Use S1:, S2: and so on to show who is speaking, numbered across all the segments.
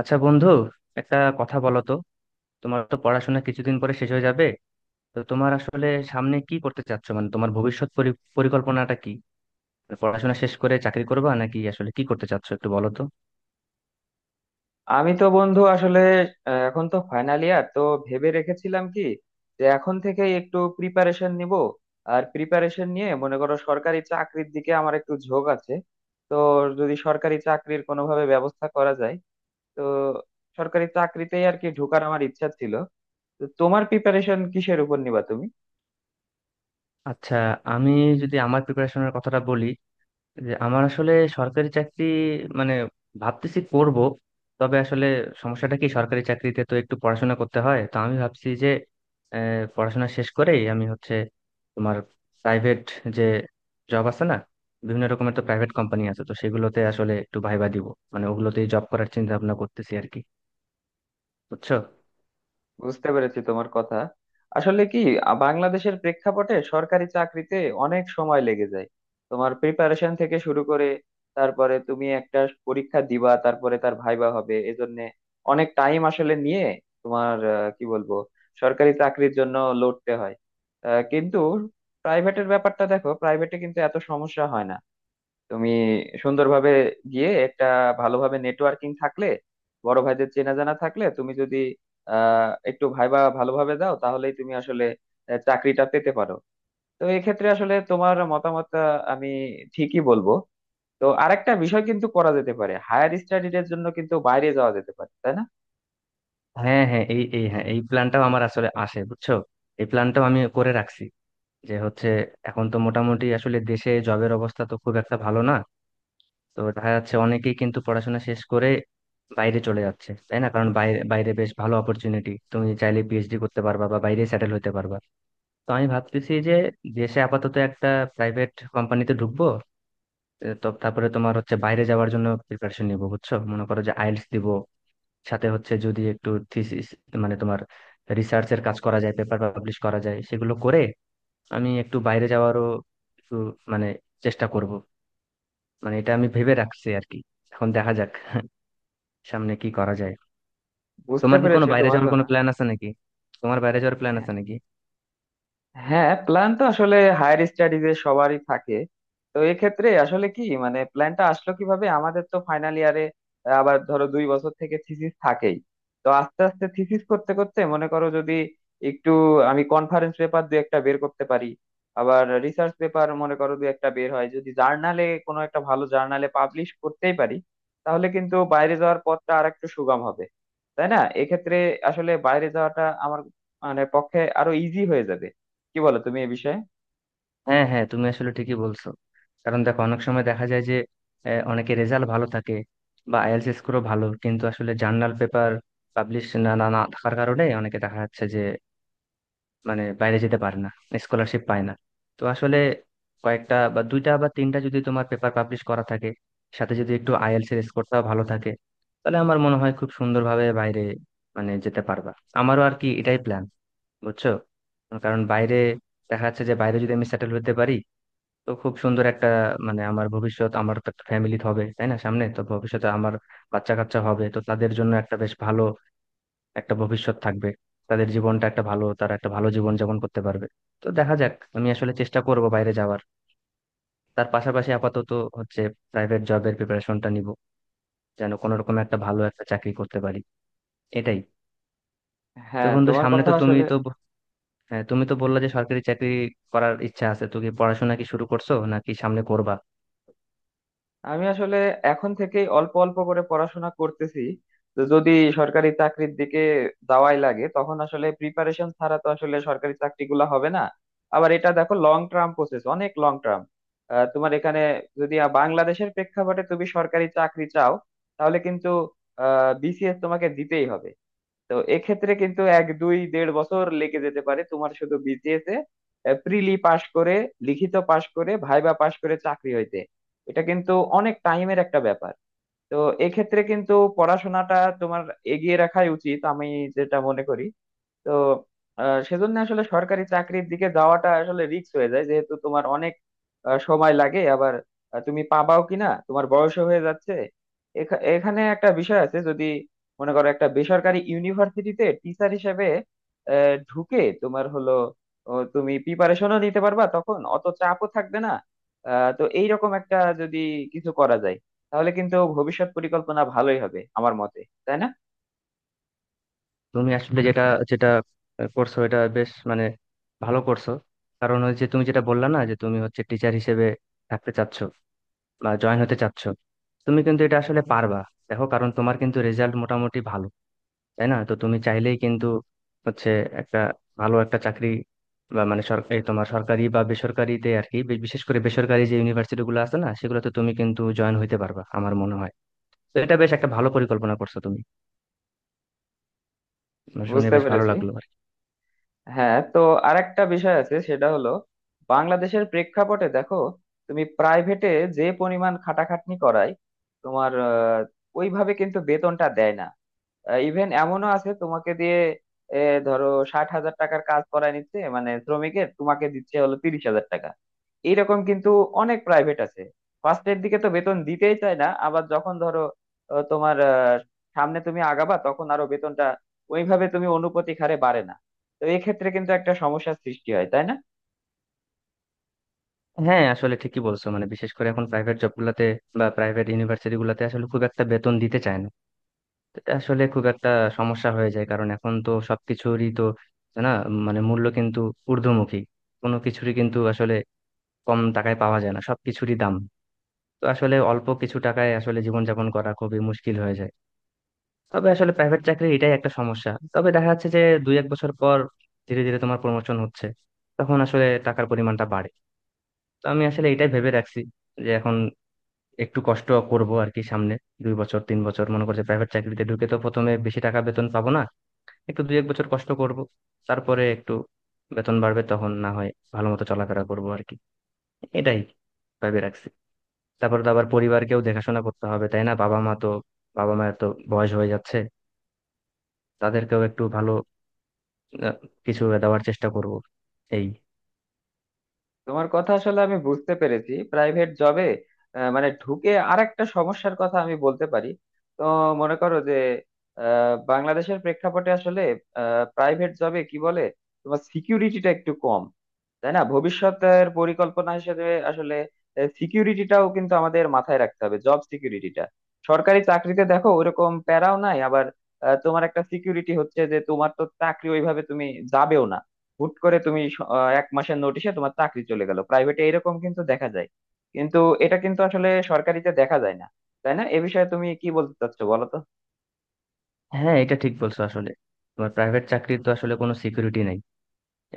S1: আচ্ছা বন্ধু, একটা কথা বলো তো। তোমার তো পড়াশোনা কিছুদিন পরে শেষ হয়ে যাবে। তো তোমার আসলে সামনে কি করতে চাচ্ছ, মানে তোমার ভবিষ্যৎ পরিকল্পনাটা কি? মানে পড়াশোনা শেষ করে চাকরি করবা নাকি আসলে কি করতে চাচ্ছ একটু বলো তো।
S2: আমি তো বন্ধু আসলে এখন তো ফাইনাল ইয়ার তো, ভেবে রেখেছিলাম কি যে এখন থেকে একটু প্রিপারেশন নিব। আর প্রিপারেশন নিয়ে মনে করো, সরকারি চাকরির দিকে আমার একটু ঝোঁক আছে। তো যদি সরকারি চাকরির কোনোভাবে ব্যবস্থা করা যায়, তো সরকারি চাকরিতেই আর কি ঢোকার আমার ইচ্ছা ছিল। তো তোমার প্রিপারেশন কিসের উপর নিবা তুমি?
S1: আচ্ছা, আমি যদি আমার প্রিপারেশনের কথাটা বলি, যে আমার আসলে সরকারি চাকরি মানে ভাবতেছি করব। তবে আসলে সমস্যাটা কি, সরকারি চাকরিতে তো একটু পড়াশোনা করতে হয়। তো আমি ভাবছি যে পড়াশোনা শেষ করেই আমি হচ্ছে তোমার প্রাইভেট যে জব আছে না, বিভিন্ন রকমের তো প্রাইভেট কোম্পানি আছে, তো সেগুলোতে আসলে একটু ভাইবা দিব। মানে ওগুলোতেই জব করার চিন্তা ভাবনা করতেছি আর কি, বুঝছো।
S2: বুঝতে পেরেছি তোমার কথা। আসলে কি, বাংলাদেশের প্রেক্ষাপটে সরকারি চাকরিতে অনেক সময় লেগে যায়। তোমার প্রিপারেশন থেকে শুরু করে, তারপরে তুমি একটা পরীক্ষা দিবা, তারপরে তার ভাইবা হবে, এজন্য অনেক টাইম আসলে নিয়ে তোমার কি বলবো, সরকারি চাকরির জন্য লড়তে হয়। কিন্তু প্রাইভেটের ব্যাপারটা দেখো, প্রাইভেটে কিন্তু এত সমস্যা হয় না। তুমি সুন্দরভাবে গিয়ে একটা ভালোভাবে নেটওয়ার্কিং থাকলে, বড় ভাইদের চেনা জানা থাকলে, তুমি যদি একটু ভাইবা ভালোভাবে দাও তাহলেই তুমি আসলে চাকরিটা পেতে পারো। তো এক্ষেত্রে আসলে তোমার মতামতটা আমি ঠিকই বলবো। তো আরেকটা বিষয় কিন্তু করা যেতে পারে, হায়ার স্টাডিজ এর জন্য কিন্তু বাইরে যাওয়া যেতে পারে, তাই না?
S1: হ্যাঁ হ্যাঁ, এই এই হ্যাঁ এই প্ল্যানটাও আমার আসলে আসে বুঝছো। এই প্ল্যানটাও আমি করে রাখছি। যে হচ্ছে এখন তো মোটামুটি আসলে দেশে জবের অবস্থা তো খুব একটা ভালো না। তো দেখা যাচ্ছে অনেকেই কিন্তু পড়াশোনা শেষ করে বাইরে চলে যাচ্ছে, তাই না? কারণ বাইরে বাইরে বেশ ভালো অপরচুনিটি, তুমি চাইলে পিএইচডি করতে পারবা বা বাইরে সেটেল হতে পারবা। তো আমি ভাবতেছি যে দেশে আপাতত একটা প্রাইভেট কোম্পানিতে ঢুকবো। তো তারপরে তোমার হচ্ছে বাইরে যাওয়ার জন্য প্রিপারেশন নিবো বুঝছো, মনে করো যে আইএলটিএস দিব। সাথে হচ্ছে যদি একটু থিসিস মানে তোমার রিসার্চের কাজ করা যায়, পেপার পাবলিশ করা যায়, সেগুলো করে আমি একটু বাইরে যাওয়ারও একটু মানে চেষ্টা করব। মানে এটা আমি ভেবে রাখছি আর কি। এখন দেখা যাক সামনে কি করা যায়।
S2: বুঝতে
S1: তোমার কি কোনো
S2: পেরেছি
S1: বাইরে
S2: তোমার
S1: যাওয়ার কোনো
S2: কথা।
S1: প্ল্যান আছে নাকি? তোমার বাইরে যাওয়ার প্ল্যান আছে নাকি?
S2: হ্যাঁ, প্ল্যান তো আসলে হায়ার স্টাডিজ এ সবারই থাকে। তো এক্ষেত্রে আসলে কি মানে প্ল্যানটা আসলো কিভাবে, আমাদের তো ফাইনাল ইয়ারে, আবার ধরো 2 বছর থেকে থিসিস থাকেই। তো আস্তে আস্তে থিসিস করতে করতে মনে করো যদি একটু আমি কনফারেন্স পেপার দু একটা বের করতে পারি, আবার রিসার্চ পেপার মনে করো দু একটা বের হয় যদি জার্নালে, কোনো একটা ভালো জার্নালে পাবলিশ করতেই পারি, তাহলে কিন্তু বাইরে যাওয়ার পথটা আর একটু সুগম হবে, তাই না? এক্ষেত্রে আসলে বাইরে যাওয়াটা আমার মানে পক্ষে আরো ইজি হয়ে যাবে। কি বলো তুমি এ বিষয়ে?
S1: হ্যাঁ হ্যাঁ, তুমি আসলে ঠিকই বলছো। কারণ দেখো অনেক সময় দেখা যায় যে অনেকে রেজাল্ট ভালো থাকে বা আইএলটিএস স্কোরও ভালো, কিন্তু আসলে জার্নাল পেপার পাবলিশ না না না থাকার কারণে অনেকে দেখা যাচ্ছে যে মানে বাইরে যেতে পারে না, স্কলারশিপ পায় না। তো আসলে কয়েকটা বা দুইটা বা তিনটা যদি তোমার পেপার পাবলিশ করা থাকে, সাথে যদি একটু আইএলটিএস এর স্কোরটাও ভালো থাকে, তাহলে আমার মনে হয় খুব সুন্দরভাবে বাইরে মানে যেতে পারবা। আমারও আর কি এটাই প্ল্যান বুঝছো। কারণ বাইরে দেখা যাচ্ছে যে বাইরে যদি আমি সেটেল হতে পারি, তো খুব সুন্দর একটা মানে আমার ভবিষ্যৎ, আমার তো একটা ফ্যামিলি হবে তাই না, সামনে তো ভবিষ্যতে আমার বাচ্চা কাচ্চা হবে, তো তাদের জন্য একটা বেশ ভালো একটা ভবিষ্যৎ থাকবে। তাদের জীবনটা একটা ভালো, তারা একটা ভালো জীবন যাপন করতে পারবে। তো দেখা যাক, আমি আসলে চেষ্টা করব বাইরে যাওয়ার। তার পাশাপাশি আপাতত হচ্ছে প্রাইভেট জবের প্রিপারেশনটা নিব, যেন কোনো রকম একটা ভালো একটা চাকরি করতে পারি। এটাই। তো
S2: হ্যাঁ,
S1: বন্ধু,
S2: তোমার
S1: সামনে
S2: কথা
S1: তো তুমি
S2: আসলে।
S1: তো হ্যাঁ, তুমি তো বললা যে সরকারি চাকরি করার ইচ্ছা আছে, তুমি কি পড়াশোনা কি শুরু করছো নাকি সামনে করবা?
S2: আমি আসলে এখন থেকেই অল্প অল্প করে পড়াশোনা করতেছি। তো যদি সরকারি চাকরির দিকে যাওয়াই লাগে তখন আসলে প্রিপারেশন ছাড়া তো আসলে সরকারি চাকরিগুলো হবে না। আবার এটা দেখো লং টার্ম প্রসেস, অনেক লং টার্ম। তোমার এখানে যদি বাংলাদেশের প্রেক্ষাপটে তুমি সরকারি চাকরি চাও, তাহলে কিন্তু বিসিএস তোমাকে দিতেই হবে। তো এক্ষেত্রে কিন্তু এক দুই দেড় বছর লেগে যেতে পারে তোমার শুধু বিসিএস এ প্রিলি পাশ করে, লিখিত পাশ করে, ভাইবা পাশ করে চাকরি হইতে। এটা কিন্তু অনেক টাইমের একটা ব্যাপার। তো এক্ষেত্রে কিন্তু পড়াশোনাটা তোমার এগিয়ে রাখাই উচিত আমি যেটা মনে করি। তো সেজন্য আসলে সরকারি চাকরির দিকে যাওয়াটা আসলে রিস্ক হয়ে যায়, যেহেতু তোমার অনেক সময় লাগে, আবার তুমি পাবাও কিনা, তোমার বয়স হয়ে যাচ্ছে। এখানে একটা বিষয় আছে, যদি মনে করো একটা বেসরকারি ইউনিভার্সিটিতে টিচার হিসেবে ঢুকে তোমার হলো ও, তুমি প্রিপারেশনও নিতে পারবা, তখন অত চাপও থাকবে না। তো এইরকম একটা যদি কিছু করা যায়, তাহলে কিন্তু ভবিষ্যৎ পরিকল্পনা ভালোই হবে আমার মতে, তাই না?
S1: তুমি আসলে যেটা যেটা করছো এটা বেশ মানে ভালো করছো। কারণ ওই যে তুমি যেটা বললা না, যে তুমি হচ্ছে টিচার হিসেবে থাকতে চাচ্ছ বা জয়েন হতে চাচ্ছ, তুমি কিন্তু এটা আসলে পারবা। দেখো কারণ তোমার কিন্তু রেজাল্ট মোটামুটি ভালো তাই না, তো তুমি চাইলেই কিন্তু হচ্ছে একটা ভালো একটা চাকরি বা মানে এই তোমার সরকারি বা বেসরকারিতে আর কি, বিশেষ করে বেসরকারি যে ইউনিভার্সিটি গুলো আছে না, সেগুলোতে তুমি কিন্তু জয়েন হইতে পারবা আমার মনে হয়। তো এটা বেশ একটা ভালো পরিকল্পনা করছো তুমি, মানে শুনে
S2: বুঝতে
S1: বেশ ভালো
S2: পেরেছি।
S1: লাগলো আর কি।
S2: হ্যাঁ, তো আরেকটা বিষয় আছে, সেটা হলো বাংলাদেশের প্রেক্ষাপটে দেখো তুমি প্রাইভেটে যে পরিমাণ খাটাখাটনি করায় তোমার, ওইভাবে কিন্তু বেতনটা দেয় না। ইভেন এমনও আছে তোমাকে দিয়ে এ, ধরো 60,000 টাকার কাজ করায় নিচ্ছে, মানে শ্রমিকের, তোমাকে দিচ্ছে হলো 30,000 টাকা। এইরকম কিন্তু অনেক প্রাইভেট আছে। ফার্স্টের দিকে তো বেতন দিতেই চায় না, আবার যখন ধরো তোমার সামনে তুমি আগাবা, তখন আরো বেতনটা ওইভাবে তুমি অনুপাতিক হারে বাড়ে না। তো এক্ষেত্রে কিন্তু একটা সমস্যার সৃষ্টি হয়, তাই না?
S1: হ্যাঁ আসলে ঠিকই বলছো, মানে বিশেষ করে এখন প্রাইভেট জব গুলাতে বা প্রাইভেট ইউনিভার্সিটি গুলাতে আসলে খুব একটা বেতন দিতে চায় না। এটা আসলে খুব একটা সমস্যা হয়ে যায়, কারণ এখন তো সবকিছুরই তো না মানে মূল্য কিন্তু ঊর্ধ্বমুখী, কোনো কিছুরই কিন্তু আসলে কম টাকায় পাওয়া যায় না, সবকিছুরই দাম। তো আসলে অল্প কিছু টাকায় আসলে জীবনযাপন করা খুবই মুশকিল হয়ে যায়। তবে আসলে প্রাইভেট চাকরি এটাই একটা সমস্যা। তবে দেখা যাচ্ছে যে দুই এক বছর পর ধীরে ধীরে তোমার প্রমোশন হচ্ছে, তখন আসলে টাকার পরিমাণটা বাড়ে। তো আমি আসলে এটাই ভেবে রাখছি যে এখন একটু কষ্ট করব আর কি, সামনে দুই বছর তিন বছর মনে করছে প্রাইভেট চাকরিতে ঢুকে তো প্রথমে বেশি টাকা বেতন পাবো না, একটু দুই এক বছর কষ্ট করব। তারপরে একটু বেতন বাড়বে, তখন না হয় ভালো মতো চলাফেরা করবো আর কি। এটাই ভেবে রাখছি। তারপর তো আবার পরিবারকেও দেখাশোনা করতে হবে তাই না, বাবা মা তো, বাবা মায়ের তো বয়স হয়ে যাচ্ছে। তাদেরকেও একটু ভালো আহ, কিছু দেওয়ার চেষ্টা করব। এই।
S2: তোমার কথা আসলে আমি বুঝতে পেরেছি। প্রাইভেট জবে মানে ঢুকে আরেকটা সমস্যার কথা আমি বলতে পারি। তো মনে করো যে বাংলাদেশের প্রেক্ষাপটে আসলে প্রাইভেট জবে কি বলে, তোমার সিকিউরিটিটা একটু কম, তাই না? ভবিষ্যতের পরিকল্পনা হিসেবে আসলে সিকিউরিটিটাও কিন্তু আমাদের মাথায় রাখতে হবে, জব সিকিউরিটিটা। সরকারি চাকরিতে দেখো ওরকম প্যারাও নাই, আবার তোমার একটা সিকিউরিটি হচ্ছে যে তোমার তো চাকরি ওইভাবে তুমি যাবেও না। হুট করে তুমি 1 মাসের নোটিশে তোমার চাকরি চলে গেল, প্রাইভেটে এরকম কিন্তু দেখা যায়, কিন্তু এটা কিন্তু আসলে সরকারিতে দেখা যায় না, তাই না? এ বিষয়ে তুমি কি বলতে চাচ্ছো বলো তো।
S1: হ্যাঁ এটা ঠিক বলছো আসলে, তোমার প্রাইভেট চাকরির তো আসলে কোনো সিকিউরিটি নাই।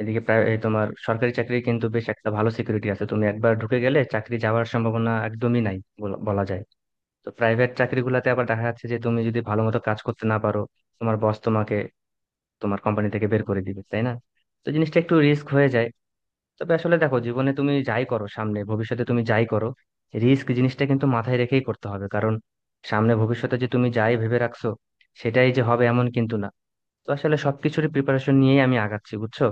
S1: এদিকে প্রায় এই তোমার সরকারি চাকরি কিন্তু বেশ একটা ভালো সিকিউরিটি আছে, তুমি একবার ঢুকে গেলে চাকরি যাওয়ার সম্ভাবনা একদমই নাই বলা বলা যায়। তো প্রাইভেট চাকরিগুলোতে আবার দেখা যাচ্ছে যে তুমি যদি ভালো মতো কাজ করতে না পারো, তোমার বস তোমাকে তোমার কোম্পানি থেকে বের করে দিবে তাই না। তো জিনিসটা একটু রিস্ক হয়ে যায়। তবে আসলে দেখো, জীবনে তুমি যাই করো, সামনে ভবিষ্যতে তুমি যাই করো, রিস্ক জিনিসটা কিন্তু মাথায় রেখেই করতে হবে। কারণ সামনে ভবিষ্যতে যে তুমি যাই ভেবে রাখছো, সেটাই যে হবে এমন কিন্তু না। তো আসলে সবকিছুরই প্রিপারেশন নিয়েই আমি আগাচ্ছি বুঝছো।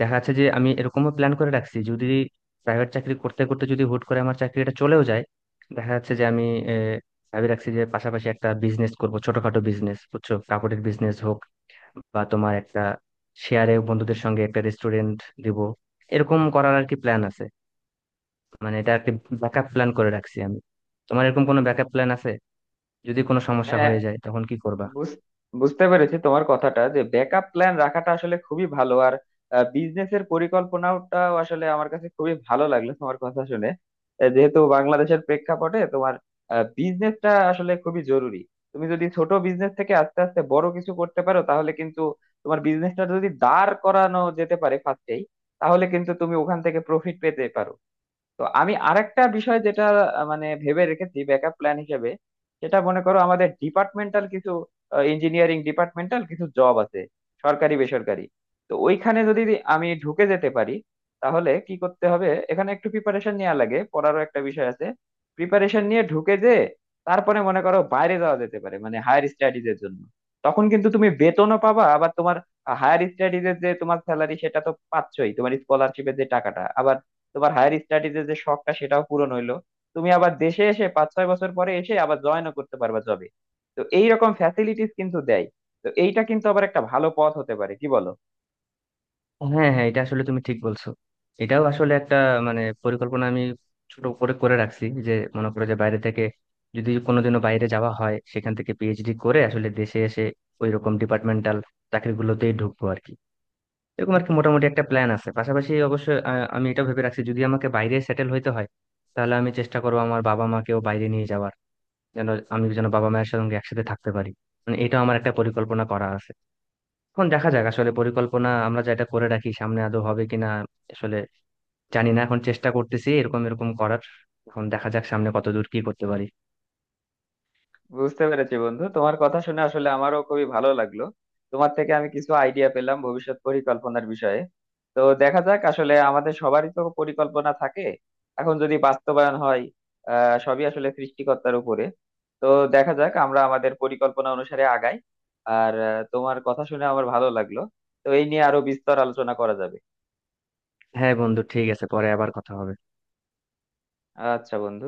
S1: দেখা যাচ্ছে যে আমি এরকমও প্ল্যান করে রাখছি, যদি প্রাইভেট চাকরি করতে করতে যদি হুট করে আমার চাকরিটা চলেও যায়, দেখা যাচ্ছে যে আমি আহ, ভাবি রাখছি যে পাশাপাশি একটা বিজনেস করব, ছোটখাটো বিজনেস বুঝছো, কাপড়ের বিজনেস হোক বা তোমার একটা শেয়ারে বন্ধুদের সঙ্গে একটা রেস্টুরেন্ট দিব, এরকম করার আর কি প্ল্যান আছে। মানে এটা একটা ব্যাকআপ প্ল্যান করে রাখছি আমি। তোমার এরকম কোনো ব্যাকআপ প্ল্যান আছে, যদি কোনো সমস্যা
S2: হ্যাঁ,
S1: হয়ে যায় তখন কি করবা?
S2: বুঝ- বুঝতে পেরেছি তোমার কথাটা যে ব্যাকআপ প্ল্যান রাখাটা আসলে খুবই ভালো, আর বিজনেসের পরিকল্পনাটাও আসলে আমার কাছে খুবই ভালো লাগলো তোমার কথা শুনে। যেহেতু বাংলাদেশের প্রেক্ষাপটে তোমার বিজনেসটা আসলে খুবই জরুরি, তুমি যদি ছোট বিজনেস থেকে আস্তে আস্তে বড় কিছু করতে পারো, তাহলে কিন্তু তোমার বিজনেসটা যদি দাঁড় করানো যেতে পারে ফার্স্টেই, তাহলে কিন্তু তুমি ওখান থেকে প্রফিট পেতে পারো। তো আমি আরেকটা বিষয় যেটা মানে ভেবে রেখেছি ব্যাকআপ প্ল্যান হিসেবে, সেটা মনে করো আমাদের ডিপার্টমেন্টাল কিছু, ইঞ্জিনিয়ারিং ডিপার্টমেন্টাল কিছু জব আছে সরকারি বেসরকারি। তো ওইখানে যদি আমি ঢুকে যেতে পারি, তাহলে কি করতে হবে, এখানে একটু প্রিপারেশন নেওয়া লাগে, পড়ারও একটা বিষয় আছে। প্রিপারেশন নিয়ে ঢুকে যে তারপরে মনে করো বাইরে যাওয়া যেতে পারে, মানে হায়ার স্টাডিজ এর জন্য। তখন কিন্তু তুমি বেতনও পাবা, আবার তোমার হায়ার স্টাডিজ এর যে তোমার স্যালারি, সেটা তো পাচ্ছই তোমার স্কলারশিপের যে টাকাটা, আবার তোমার হায়ার স্টাডিজের যে শখটা সেটাও পূরণ হইলো। তুমি আবার দেশে এসে 5-6 বছর পরে এসে আবার জয়েনও করতে পারবা জবে। তো এইরকম ফ্যাসিলিটিস কিন্তু দেয়। তো এইটা কিন্তু আবার একটা ভালো পথ হতে পারে, কি বলো?
S1: হ্যাঁ হ্যাঁ, এটা আসলে তুমি ঠিক বলছো। এটাও আসলে একটা মানে পরিকল্পনা আমি ছোট করে করে রাখছি, যে মনে করো যে বাইরে থেকে যদি কোনোদিনও বাইরে যাওয়া হয়, সেখান থেকে পিএইচডি করে আসলে দেশে এসে ওই রকম ডিপার্টমেন্টাল চাকরিগুলোতেই ঢুকবো আর কি। এরকম আর কি মোটামুটি একটা প্ল্যান আছে। পাশাপাশি অবশ্য আমি এটা ভেবে রাখছি, যদি আমাকে বাইরে সেটেল হইতে হয়, তাহলে আমি চেষ্টা করবো আমার বাবা মাকেও বাইরে নিয়ে যাওয়ার, যেন আমি যেন বাবা মায়ের সঙ্গে একসাথে থাকতে পারি। মানে এটা আমার একটা পরিকল্পনা করা আছে। এখন দেখা যাক আসলে পরিকল্পনা আমরা যেটা করে রাখি সামনে আদৌ হবে কিনা আসলে জানি না। এখন চেষ্টা করতেছি এরকম এরকম করার। এখন দেখা যাক সামনে কতদূর কি করতে পারি।
S2: বুঝতে পেরেছি বন্ধু, তোমার কথা শুনে আসলে আমারও খুবই ভালো লাগলো। তোমার থেকে আমি কিছু আইডিয়া পেলাম ভবিষ্যৎ পরিকল্পনার বিষয়ে। তো দেখা যাক, আসলে আমাদের সবারই তো পরিকল্পনা থাকে, এখন যদি বাস্তবায়ন হয়। আহ, সবই আসলে সৃষ্টিকর্তার উপরে। তো দেখা যাক আমরা আমাদের পরিকল্পনা অনুসারে আগাই। আর তোমার কথা শুনে আমার ভালো লাগলো। তো এই নিয়ে আরো বিস্তর আলোচনা করা যাবে।
S1: হ্যাঁ বন্ধু ঠিক আছে, পরে আবার কথা হবে।
S2: আচ্ছা বন্ধু।